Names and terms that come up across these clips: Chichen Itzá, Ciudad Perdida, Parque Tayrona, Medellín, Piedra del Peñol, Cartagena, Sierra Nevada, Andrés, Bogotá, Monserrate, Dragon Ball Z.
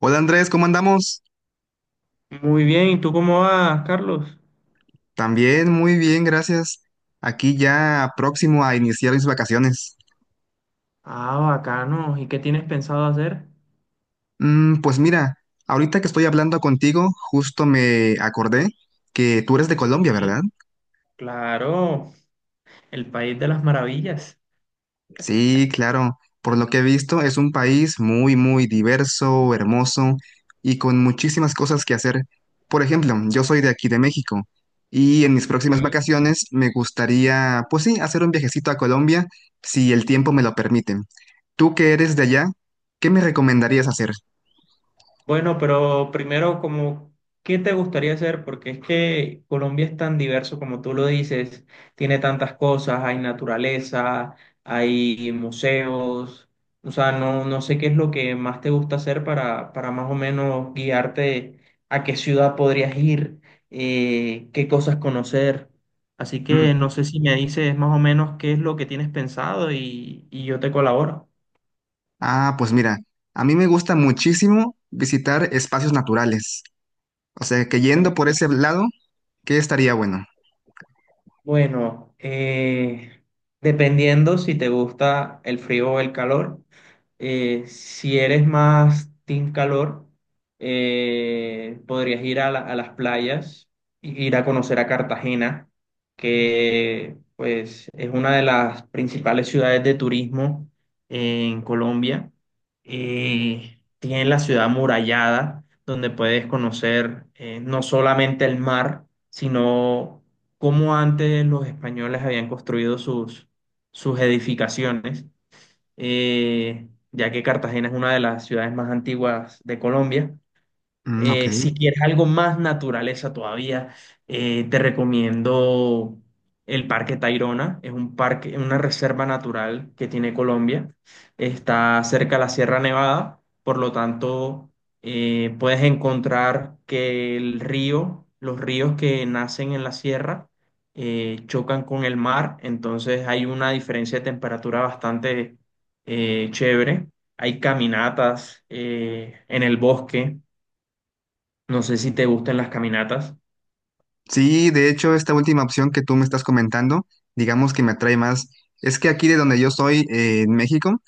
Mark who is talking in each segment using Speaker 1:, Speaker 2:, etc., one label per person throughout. Speaker 1: Hola Andrés, ¿cómo andamos?
Speaker 2: Muy bien, ¿y tú cómo vas, Carlos?
Speaker 1: También muy bien, gracias. Aquí ya próximo a iniciar mis vacaciones.
Speaker 2: Ah, bacano. ¿Y qué tienes pensado hacer?
Speaker 1: Pues mira, ahorita que estoy hablando contigo, justo me acordé que tú eres de Colombia,
Speaker 2: Sí.
Speaker 1: ¿verdad?
Speaker 2: Claro, el país de las maravillas.
Speaker 1: Sí, claro. Por lo que he visto, es un país muy, muy diverso, hermoso y con muchísimas cosas que hacer. Por ejemplo, yo soy de aquí, de México, y en mis próximas
Speaker 2: Ujú.
Speaker 1: vacaciones me gustaría, pues sí, hacer un viajecito a Colombia, si el tiempo me lo permite. Tú que eres de allá, ¿qué me recomendarías hacer?
Speaker 2: Bueno, pero primero, como, ¿qué te gustaría hacer? Porque es que Colombia es tan diverso como tú lo dices, tiene tantas cosas, hay naturaleza, hay museos, o sea, no sé qué es lo que más te gusta hacer para más o menos guiarte a qué ciudad podrías ir, qué cosas conocer. Así que no
Speaker 1: Mm,
Speaker 2: sé si me dices más o menos qué es lo que tienes pensado y yo te colaboro.
Speaker 1: Pues mira, a mí me gusta muchísimo visitar espacios naturales. O sea, que yendo por ese lado, ¿qué estaría bueno?
Speaker 2: Bueno, dependiendo si te gusta el frío o el calor, si eres más team calor, podrías ir a las playas, ir a conocer a Cartagena, que pues es una de las principales ciudades de turismo en Colombia. Tiene la ciudad amurallada, donde puedes conocer no solamente el mar, sino cómo antes los españoles habían construido sus edificaciones, ya que Cartagena es una de las ciudades más antiguas de Colombia.
Speaker 1: Mm, ok.
Speaker 2: Si quieres algo más naturaleza todavía, te recomiendo el Parque Tayrona. Es un parque, una reserva natural que tiene Colombia. Está cerca de la Sierra Nevada, por lo tanto, puedes encontrar que los ríos que nacen en la sierra, chocan con el mar, entonces hay una diferencia de temperatura bastante chévere. Hay caminatas en el bosque, no sé si te gustan las caminatas.
Speaker 1: Sí, de hecho, esta última opción que tú me estás comentando, digamos que me atrae más. Es que aquí de donde yo soy, en México,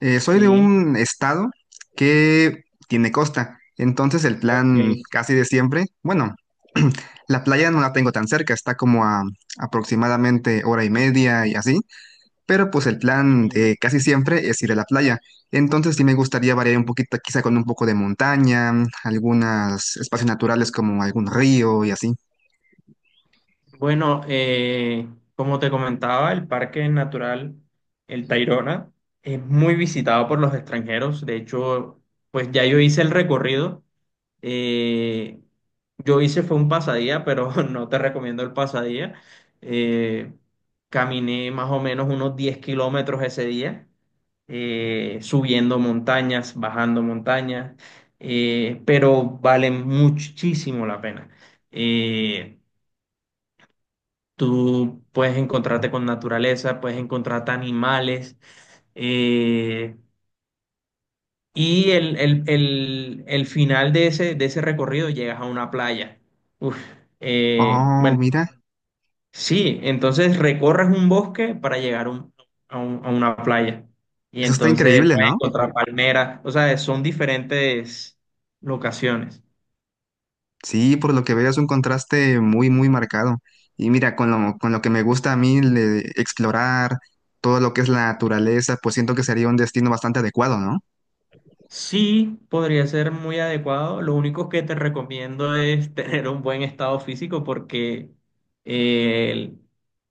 Speaker 1: soy de
Speaker 2: Sí,
Speaker 1: un estado que tiene costa. Entonces el plan
Speaker 2: ok.
Speaker 1: casi de siempre, bueno, la playa no la tengo tan cerca, está como a aproximadamente hora y media y así, pero pues el plan
Speaker 2: Mm,
Speaker 1: de casi siempre es ir a la playa. Entonces sí me gustaría variar un poquito, quizá con un poco de montaña, algunos espacios naturales como algún río y así.
Speaker 2: Bueno, como te comentaba, el Parque Natural El Tayrona es muy visitado por los extranjeros. De hecho, pues ya yo hice el recorrido. Eh, yo hice fue un pasadía, pero no te recomiendo el pasadía. Eh, Caminé más o menos unos 10 kilómetros ese día, subiendo montañas, bajando montañas, pero vale muchísimo la pena. Eh, Tú puedes encontrarte con naturaleza, puedes encontrarte animales. Eh, y el final de ese recorrido llegas a una playa. Uf,
Speaker 1: Oh,
Speaker 2: bueno,
Speaker 1: mira,
Speaker 2: sí, entonces recorres un bosque para llegar a una playa. Y
Speaker 1: eso está
Speaker 2: entonces
Speaker 1: increíble,
Speaker 2: puedes
Speaker 1: ¿no?
Speaker 2: encontrar palmeras. O sea, son diferentes locaciones.
Speaker 1: Sí, por lo que veo es un contraste muy, muy marcado. Y mira, con lo que me gusta a mí explorar todo lo que es la naturaleza, pues siento que sería un destino bastante adecuado, ¿no?
Speaker 2: Sí, podría ser muy adecuado. Lo único que te recomiendo es tener un buen estado físico porque eh,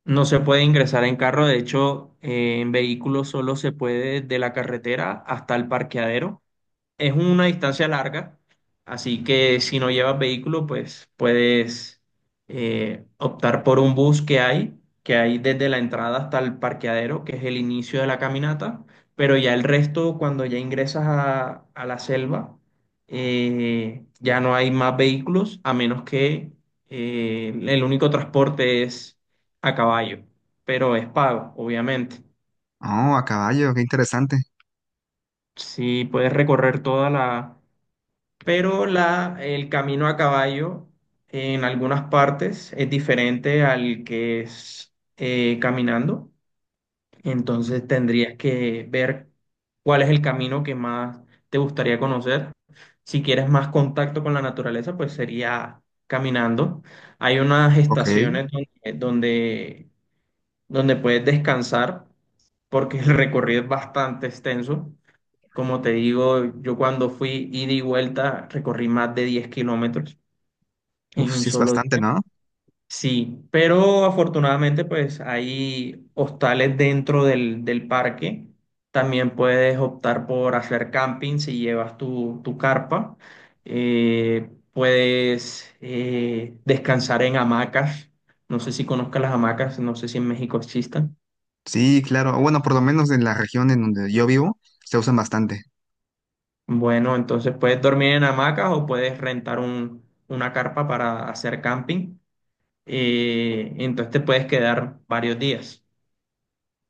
Speaker 2: no se puede ingresar en carro. De hecho, en vehículo solo se puede de la carretera hasta el parqueadero. Es una distancia larga, así que si no llevas vehículo, pues puedes optar por un bus que hay desde la entrada hasta el parqueadero, que es el inicio de la caminata, pero ya el resto, cuando ya ingresas a la selva, ya no hay más vehículos, a menos que el único transporte es a caballo, pero es pago, obviamente.
Speaker 1: Oh, a caballo, qué interesante.
Speaker 2: Si puedes recorrer toda la, pero el camino a caballo en algunas partes es diferente al que es caminando.
Speaker 1: Ujú.
Speaker 2: Entonces tendrías que ver cuál es el camino que más te gustaría conocer. Si quieres más contacto con la naturaleza, pues sería caminando. Hay unas
Speaker 1: Ok,
Speaker 2: estaciones donde puedes descansar porque el recorrido es bastante extenso. Como te digo, yo cuando fui ida y vuelta recorrí más de 10 kilómetros en
Speaker 1: uf,
Speaker 2: un
Speaker 1: sí es
Speaker 2: solo
Speaker 1: bastante,
Speaker 2: día.
Speaker 1: ¿no?
Speaker 2: Sí, pero afortunadamente pues hay hostales dentro del parque. También puedes optar por hacer camping si llevas tu carpa. Puedes descansar en hamacas. No sé si conozcas las hamacas, no sé si en México existan.
Speaker 1: Sí, claro. Bueno, por lo menos en la región en donde yo vivo, se usan bastante.
Speaker 2: Bueno, entonces puedes dormir en hamacas o puedes una carpa para hacer camping, entonces te puedes quedar varios días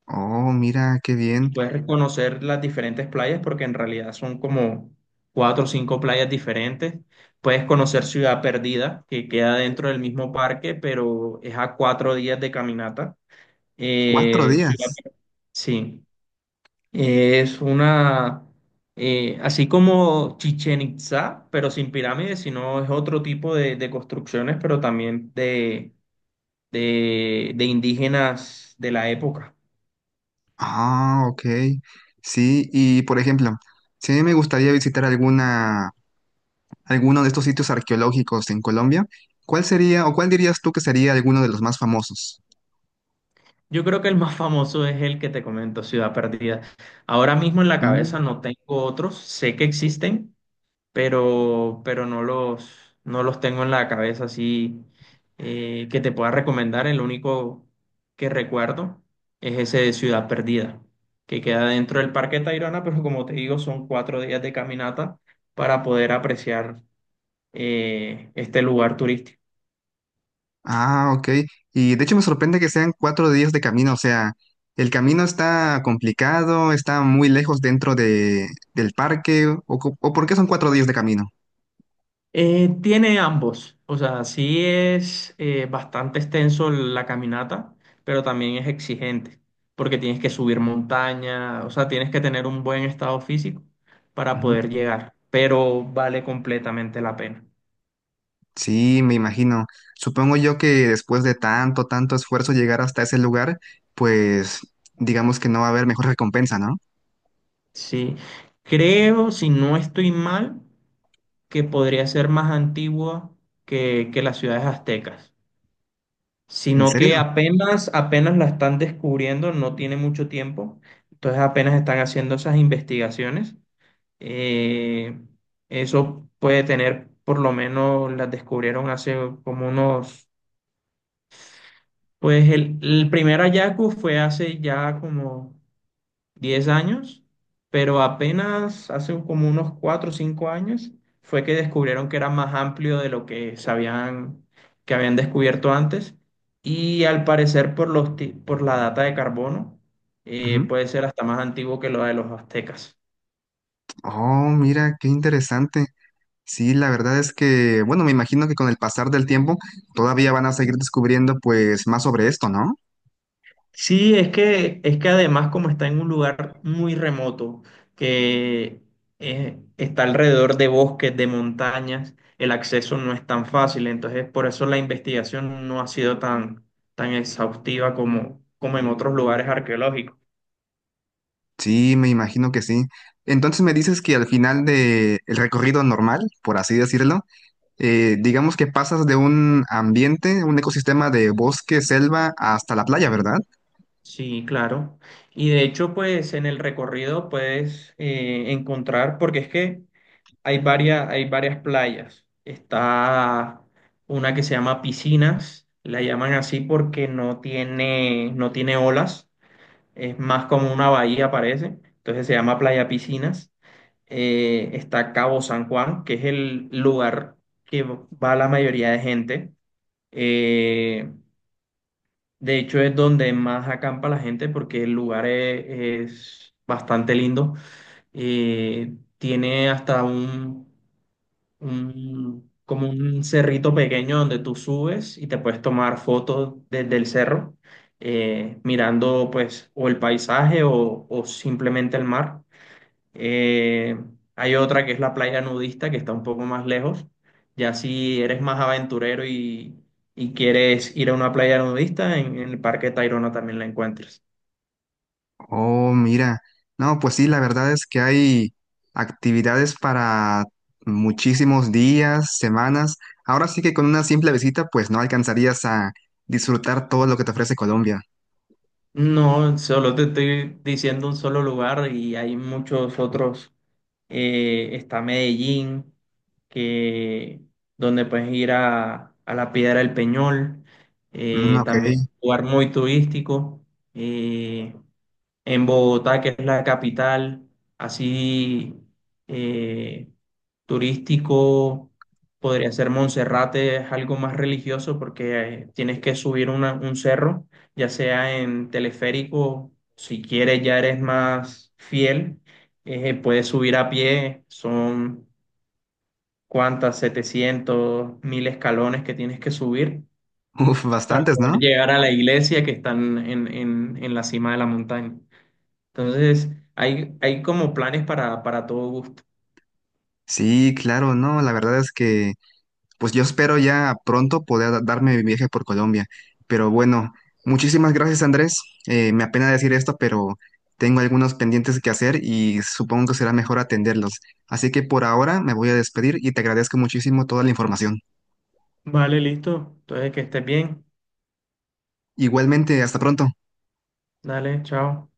Speaker 1: Oh, mira, qué
Speaker 2: y
Speaker 1: bien.
Speaker 2: puedes conocer las diferentes playas porque en realidad son como 4 o 5 playas diferentes. Puedes conocer Ciudad Perdida, que queda dentro del mismo parque, pero es a 4 días de caminata.
Speaker 1: Cuatro
Speaker 2: Ciudad,
Speaker 1: días.
Speaker 2: sí. Es una, así como Chichen Itzá, pero sin pirámides, sino es otro tipo de construcciones, pero también de indígenas de la época.
Speaker 1: Ah, ok. Sí, y por ejemplo, si a mí me gustaría visitar alguna, alguno de estos sitios arqueológicos en Colombia, ¿cuál sería o cuál dirías tú que sería alguno de los más famosos?
Speaker 2: Yo creo que el más famoso es el que te comento, Ciudad Perdida. Ahora mismo en la
Speaker 1: Mm,
Speaker 2: cabeza no tengo otros, sé que existen, pero no los tengo en la cabeza así que te pueda recomendar. El único que recuerdo es ese de Ciudad Perdida, que queda dentro del Parque Tayrona, pero como te digo, son 4 días de caminata para poder apreciar este lugar turístico.
Speaker 1: Ah, ok. Y de hecho me sorprende que sean cuatro días de camino. O sea, el camino está complicado, está muy lejos del parque, o, o ¿por qué son cuatro días de camino?
Speaker 2: Tiene ambos, o sea, sí es bastante extenso la caminata, pero también es exigente, porque tienes que subir montaña, o sea, tienes que tener un buen estado físico para
Speaker 1: Ujú.
Speaker 2: poder llegar, pero vale completamente la pena.
Speaker 1: Sí, me imagino. Supongo yo que después de tanto, tanto esfuerzo llegar hasta ese lugar, pues digamos que no va a haber mejor recompensa, ¿no?
Speaker 2: Sí, creo, si no estoy mal, que podría ser más antigua que las ciudades aztecas,
Speaker 1: ¿En
Speaker 2: sino que
Speaker 1: serio?
Speaker 2: apenas la están descubriendo, no tiene mucho tiempo, entonces apenas están haciendo esas investigaciones. Eh, Eso puede tener, por lo menos las descubrieron hace como unos, pues el primer hallazgo fue hace ya como 10 años, pero apenas hace como unos 4 o 5 años fue que descubrieron que era más amplio de lo que sabían que habían descubierto antes, y al parecer por la data de carbono,
Speaker 1: Ujú.
Speaker 2: puede ser hasta más antiguo que lo de los aztecas.
Speaker 1: Oh, mira, qué interesante. Sí, la verdad es que, bueno, me imagino que con el pasar del tiempo todavía van a seguir descubriendo pues más sobre esto, ¿no?
Speaker 2: Sí, es que además como está en un lugar muy remoto, que está alrededor de bosques, de montañas, el acceso no es tan fácil, entonces por eso la investigación no ha sido tan, tan exhaustiva como, como en otros lugares arqueológicos.
Speaker 1: Sí, me imagino que sí. Entonces me dices que al final de el recorrido normal, por así decirlo, digamos que pasas de un ambiente, un ecosistema de bosque, selva, hasta la playa, ¿verdad?
Speaker 2: Sí, claro. Y de hecho, pues en el recorrido puedes encontrar, porque es que hay varias, hay varias playas. Está una que se llama Piscinas, la llaman así porque no tiene olas, es más como una bahía parece, entonces se llama Playa Piscinas. Está Cabo San Juan, que es el lugar que va la mayoría de gente. Eh, de hecho es donde más acampa la gente porque el lugar es bastante lindo. Eh, Tiene hasta como un cerrito pequeño donde tú subes y te puedes tomar fotos desde el cerro, mirando pues o el paisaje o simplemente el mar. Eh, Hay otra que es la playa nudista que está un poco más lejos. Ya si eres más aventurero y quieres ir a una playa nudista, en el Parque Tayrona también la encuentras.
Speaker 1: Oh, mira. No, pues sí, la verdad es que hay actividades para muchísimos días, semanas. Ahora sí que con una simple visita, pues no alcanzarías a disfrutar todo lo que te ofrece Colombia.
Speaker 2: No, solo te estoy diciendo un solo lugar y hay muchos otros. Está Medellín, que, donde puedes ir a la Piedra del Peñol,
Speaker 1: Mm, ok.
Speaker 2: también un lugar muy turístico. eh, en Bogotá, que es la capital, así eh, turístico, podría ser Monserrate, es algo más religioso porque tienes que subir un cerro, ya sea en teleférico, si quieres ya eres más fiel, puedes subir a pie, son cuántas, 700.000 escalones que tienes que subir
Speaker 1: Uf,
Speaker 2: para
Speaker 1: bastantes,
Speaker 2: poder
Speaker 1: ¿no?
Speaker 2: llegar a la iglesia que están en la cima de la montaña. Entonces, hay como planes para todo gusto.
Speaker 1: Sí, claro, no, la verdad es que... Pues yo espero ya pronto poder darme mi viaje por Colombia. Pero bueno, muchísimas gracias, Andrés. Me apena decir esto, pero tengo algunos pendientes que hacer y supongo que será mejor atenderlos. Así que por ahora me voy a despedir y te agradezco muchísimo toda la información.
Speaker 2: Vale, listo. Entonces, que estés bien.
Speaker 1: Igualmente, hasta pronto.
Speaker 2: Dale, chao.